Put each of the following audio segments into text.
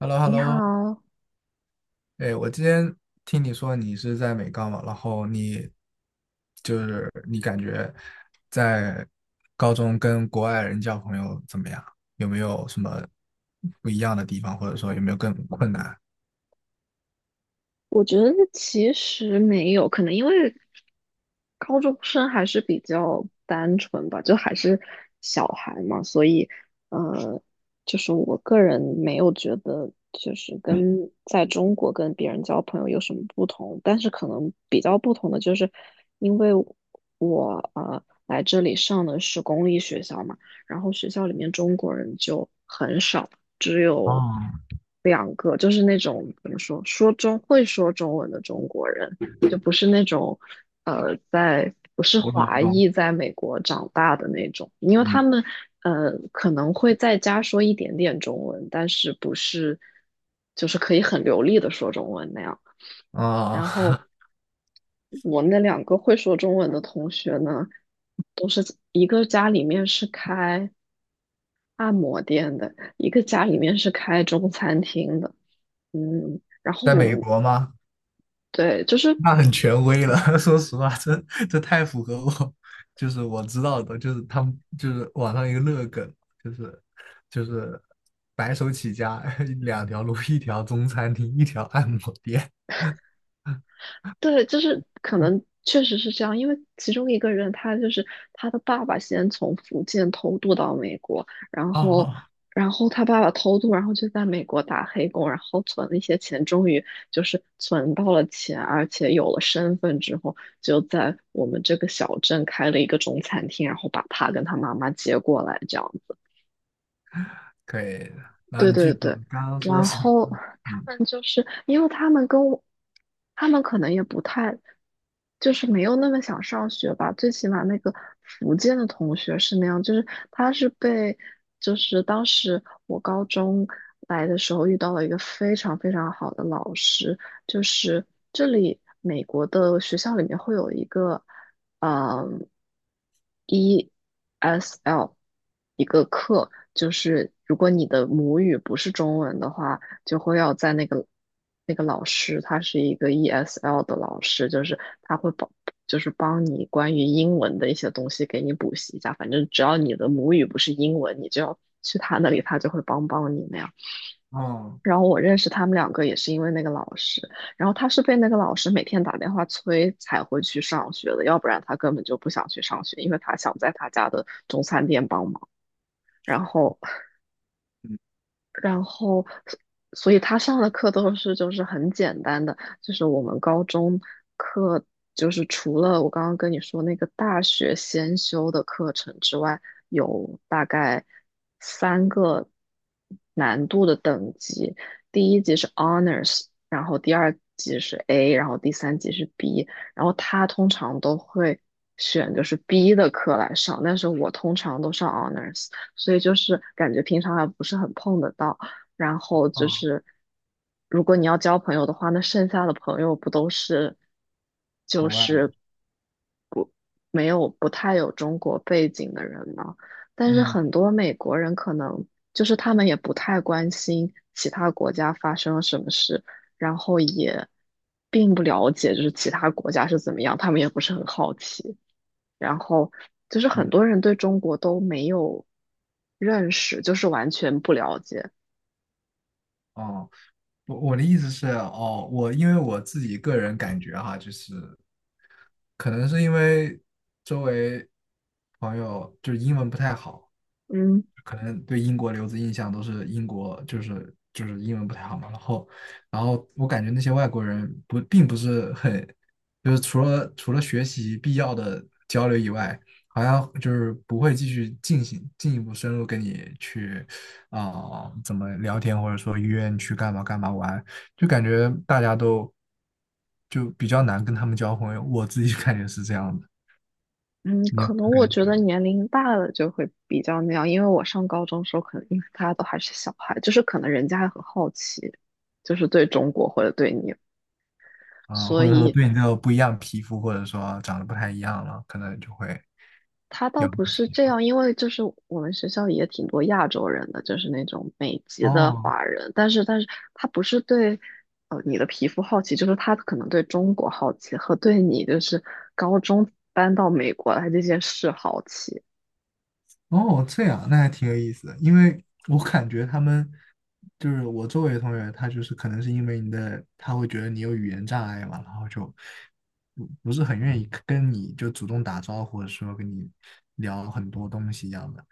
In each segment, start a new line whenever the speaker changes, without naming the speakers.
h e l l o h e l l
你
o
好，
哎，我今天听你说你是在美高嘛，然后就是你感觉在高中跟国外人交朋友怎么样？有没有什么不一样的地方，或者说有没有更困难？
我觉得其实没有，可能因为高中生还是比较单纯吧，就还是小孩嘛，所以呃，就是我个人没有觉得就是跟在中国跟别人交朋友有什么不同，但是可能比较不同的就是因为我来这里上的是公立学校嘛，然后学校里面中国人就很少。只有
啊，
两个，就是那种怎么说，说中会说中文的中国人，就不是那种在不是
我懂，我
华
懂。
裔在美国长大的那种，因为他
嗯，
们可能会在家说一点点中文，但是不是就是可以很流利的说中文那样。
啊、
然后我那两个会说中文的同学呢，都是一个家里面是开按摩店的，一个家里面是开中餐厅的。嗯，然 后
在
我
美
们
国吗？
对，就是
那很权威了，说实话，这太符合我，就是我知道的，就是他们就是网上一个热梗，就是就是白手起家 两条路，一条中餐厅，一条按摩店。
对，就是可能确实是这样，因为其中一个人他就是他的爸爸先从福建偷渡到美国，然后
哦
然后他爸爸偷渡，然后就在美国打黑工，然后存了一些钱，终于就是存到了钱，而且有了身份之后，就在我们这个小镇开了一个中餐厅，然后把他跟他妈妈接过来，这样子。
可以的，然后
对
你继
对
续说，
对，
刚刚说
然
什么？
后他
嗯，
们就是因为他们跟我，他们可能也不太，就是没有那么想上学吧。最起码那个福建的同学是那样，就是他是被，就是当时我高中来的时候遇到了一个非常非常好的老师，就是这里美国的学校里面会有一个。嗯，ESL 一个课，就是如果你的母语不是中文的话，就会要在那个老师，他是一个 ESL 的老师，就是他会帮，就是帮你关于英文的一些东西给你补习一下。反正只要你的母语不是英文，你就要去他那里，他就会帮帮你那样。
哦
然后我认识他们两个也是因为那个老师，然后他是被那个老师每天打电话催才会去上学的，要不然他根本就不想去上学，因为他想在他家的中餐店帮忙。然后然后，所以他上的课都是就是很简单的，就是我们高中课，就是除了我刚刚跟你说那个大学先修的课程之外，有大概三个难度的等级，第一级是 Honors,然后第二级是 A,然后第三级是 B,然后他通常都会选就是 B 的课来上，但是我通常都上 Honors。所以就是感觉平常还不是很碰得到。然后就
哦，
是，如果你要交朋友的话，那剩下的朋友不都是就
国外，
是不没有不太有中国背景的人吗？但是
嗯
很多美国人可能就是他们也不太关心其他国家发生了什么事，然后也并不了解就是其他国家是怎么样，他们也不是很好奇。然后就是很
嗯
多人对中国都没有认识，就是完全不了解。
哦。我的意思是，哦，我因为我自己个人感觉哈，就是可能是因为周围朋友就是英文不太好，
嗯
可能对英国留子印象都是英国就是英文不太好嘛，然后我感觉那些外国人不并不是很，就是除了学习必要的交流以外，好像就是不会继续进行进一步深入跟你去啊、怎么聊天，或者说约你去干嘛干嘛玩，就感觉大家都就比较难跟他们交朋友，我自己 感觉是这样的，
嗯，
你有
可能
感
我觉
觉
得
吗？
年龄大了就会比较那样，因为我上高中的时候，可能因为大家都还是小孩，就是可能人家还很好奇，就是对中国或者对你，
啊，
所
或者说
以
对你这个不一样的皮肤，或者说长得不太一样了，可能就会
他倒
有不
不是这
吧。
样，因为就是我们学校也挺多亚洲人的，就是那种美籍的
哦
华人，但是他不是对你的皮肤好奇，就是他可能对中国好奇和对你就是高中搬到美国来这件事好奇。
哦，这样那还挺有意思的，因为我感觉他们就是我周围的同学，他就是可能是因为你的，他会觉得你有语言障碍嘛，然后就不是很愿意跟你就主动打招呼，或者说跟你聊很多东西一样的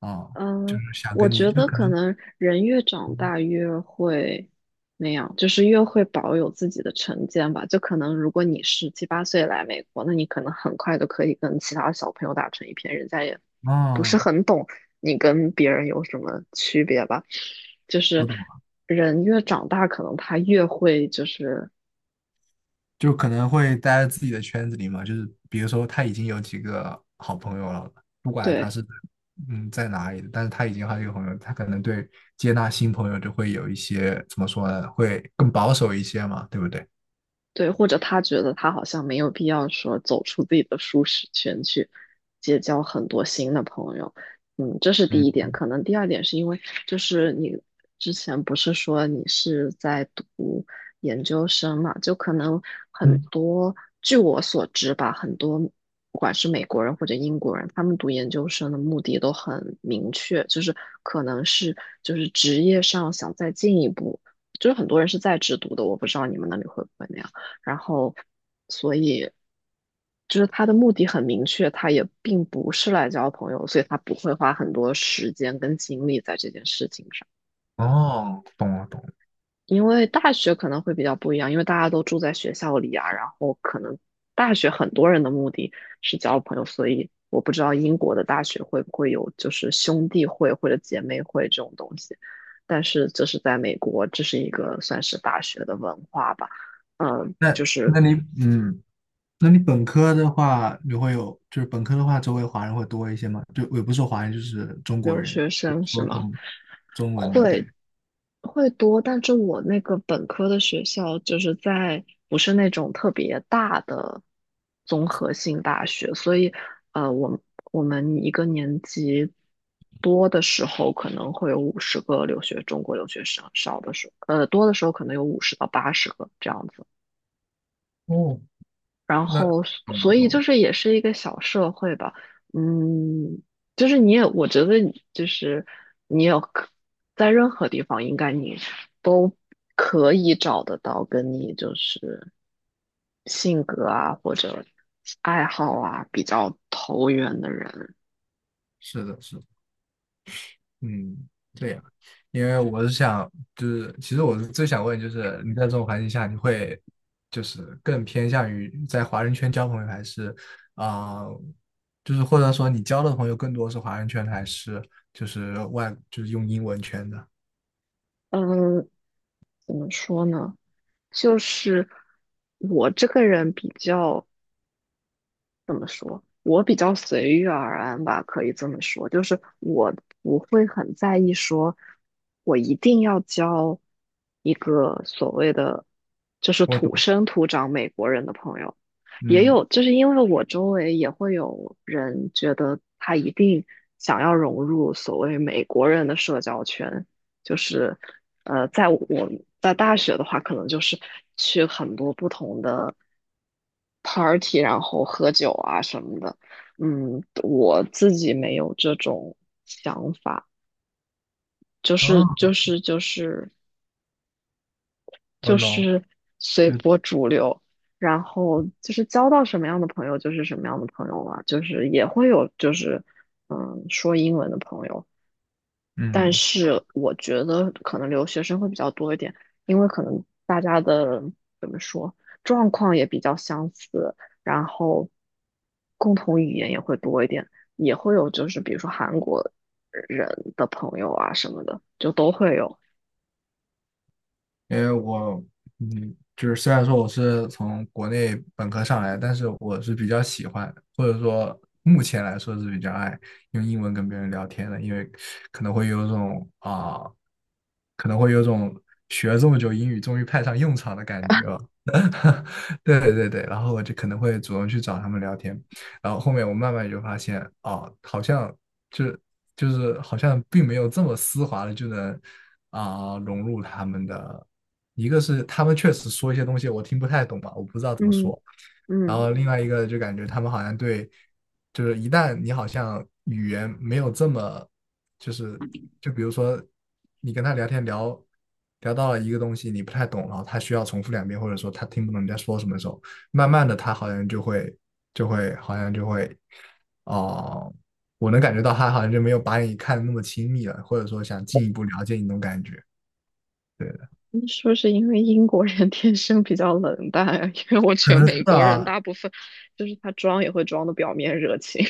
啊，就
嗯，
是想
我
跟你
觉
就
得
可
可
能
能人越长大越会那样，就是越会保有自己的成见吧。就可能如果你十七八岁来美国，那你可能很快就可以跟其他小朋友打成一片，人家也不是
啊，
很懂你跟别人有什么区别吧。就是
我懂。
人越长大，可能他越会就是。
就可能会待在自己的圈子里嘛，就是比如说他已经有几个好朋友了，不管他
对。
是在哪里的，但是他已经有好几个朋友，他可能对接纳新朋友就会有一些怎么说呢，会更保守一些嘛，对不对？
对，或者他觉得他好像没有必要说走出自己的舒适圈去结交很多新的朋友，嗯，这是第
嗯
一点。可能第二点是因为，就是你之前不是说你是在读研究生嘛，就可能很
嗯，
多，据我所知吧，很多不管是美国人或者英国人，他们读研究生的目的都很明确，就是可能是就是职业上想再进一步，就是很多人是在职读的，我不知道你们那里会不会那样。然后所以就是他的目的很明确，他也并不是来交朋友，所以他不会花很多时间跟精力在这件事情上。
哦，懂了懂了。
因为大学可能会比较不一样，因为大家都住在学校里啊，然后可能大学很多人的目的是交朋友，所以我不知道英国的大学会不会有就是兄弟会或者姐妹会这种东西，但是这是在美国，这是一个算是大学的文化吧。嗯，
那
就是
那你嗯，那你本科的话，你会有就是本科的话，周围华人会多一些吗？就也不是说华人，就是中国
留
人，
学
就
生是
说
吗？
中文的，对。
会会多，但是我那个本科的学校就是在不是那种特别大的综合性大学，所以呃，我们我们一个年级多的时候可能会有50个中国留学生，少的时候多的时候可能有50到80个这样子。
哦，
然
那
后所
懂了
所以
懂了，
就是也是一个小社会吧，嗯，就是你也我觉得就是你有可在任何地方应该你可以找得到跟你就是性格啊或者爱好啊比较投缘的人，
是的是的。嗯，对呀，因为我是想，就是其实我是最想问，就是你在这种环境下，你会就是更偏向于在华人圈交朋友，还是啊、就是或者说你交的朋友更多是华人圈的，还是就是用英文圈的？
嗯，怎么说呢？就是我这个人比较。怎么说？我比较随遇而安吧，可以这么说。就是我不会很在意说，我一定要交一个所谓的就是
我
土
懂，
生土长美国人的朋友。也
嗯，
有，就是因为我周围也会有人觉得他一定想要融入所谓美国人的社交圈，就是在我在大学的话，可能就是去很多不同的 party,然后喝酒啊什么的。嗯，我自己没有这种想法，就是
啊，
就是就是
我
就
懂，
是随
就
波逐流，然后就是交到什么样的朋友就是什么样的朋友了，就是也会有就是说英文的朋友。但
嗯。
是我觉得可能留学生会比较多一点，因为可能大家的怎么说状况也比较相似，然后共同语言也会多一点，也会有就是比如说韩国人的朋友啊什么的，就都会有。
因为我，嗯，就是虽然说我是从国内本科上来，但是我是比较喜欢，或者说目前来说是比较爱用英文跟别人聊天的，因为可能会有种啊、可能会有种学了这么久英语终于派上用场的感觉了。对对对，然后我就可能会主动去找他们聊天，然后后面我慢慢就发现，哦，好像就就是好像并没有这么丝滑的就能融入他们的，一个是他们确实说一些东西我听不太懂吧，我不知道怎么
嗯
说，然
嗯，
后另外一个就感觉他们好像对，就是一旦你好像语言没有这么，就是就比如说你跟他聊天聊到了一个东西你不太懂，然后他需要重复两遍，或者说他听不懂你在说什么的时候，慢慢的他好像就会哦、呃我能感觉到他好像就没有把你看的那么亲密了，或者说想进一步了解你那种感觉。对的，
你是不是因为英国人 天生比较冷淡啊？因为我
可
觉得
能是
美国人
啊，
大部分就是他装也会装的表面热情。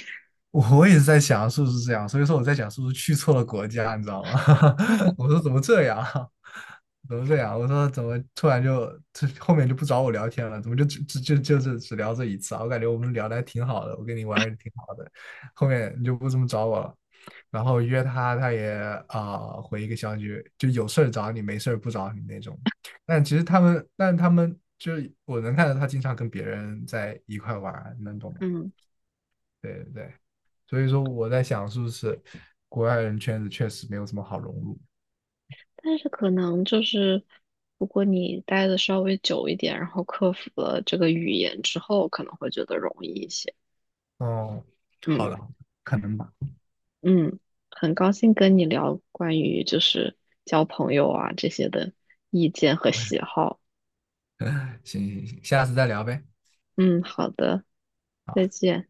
我也是在想是不是这样，所以说我在想是不是去错了国家，你知道吗？我 说怎么这样，怎么这样？我说怎么突然就这后面就不找我聊天了，怎么就只只就就是只聊这一次啊？我感觉我们聊的还挺好的，我跟你玩的挺好的，后面你就不怎么找我了。然后约他，他也回一个消息，就有事儿找你，没事儿不找你那种。但其实他们，但他们就是我能看到他经常跟别人在一块玩儿，能懂吗？
嗯。
对对对。所以说我在想，是不是国外人圈子确实没有什么好融入？
但是可能就是，如果你待的稍微久一点，然后克服了这个语言之后，可能会觉得容易一些。
哦，好
嗯
的，好的可能吧。
嗯，很高兴跟你聊关于就是交朋友啊这些的意见和
OK，
喜好。
行行行，下次再聊呗。
嗯，好的，再
好。
见。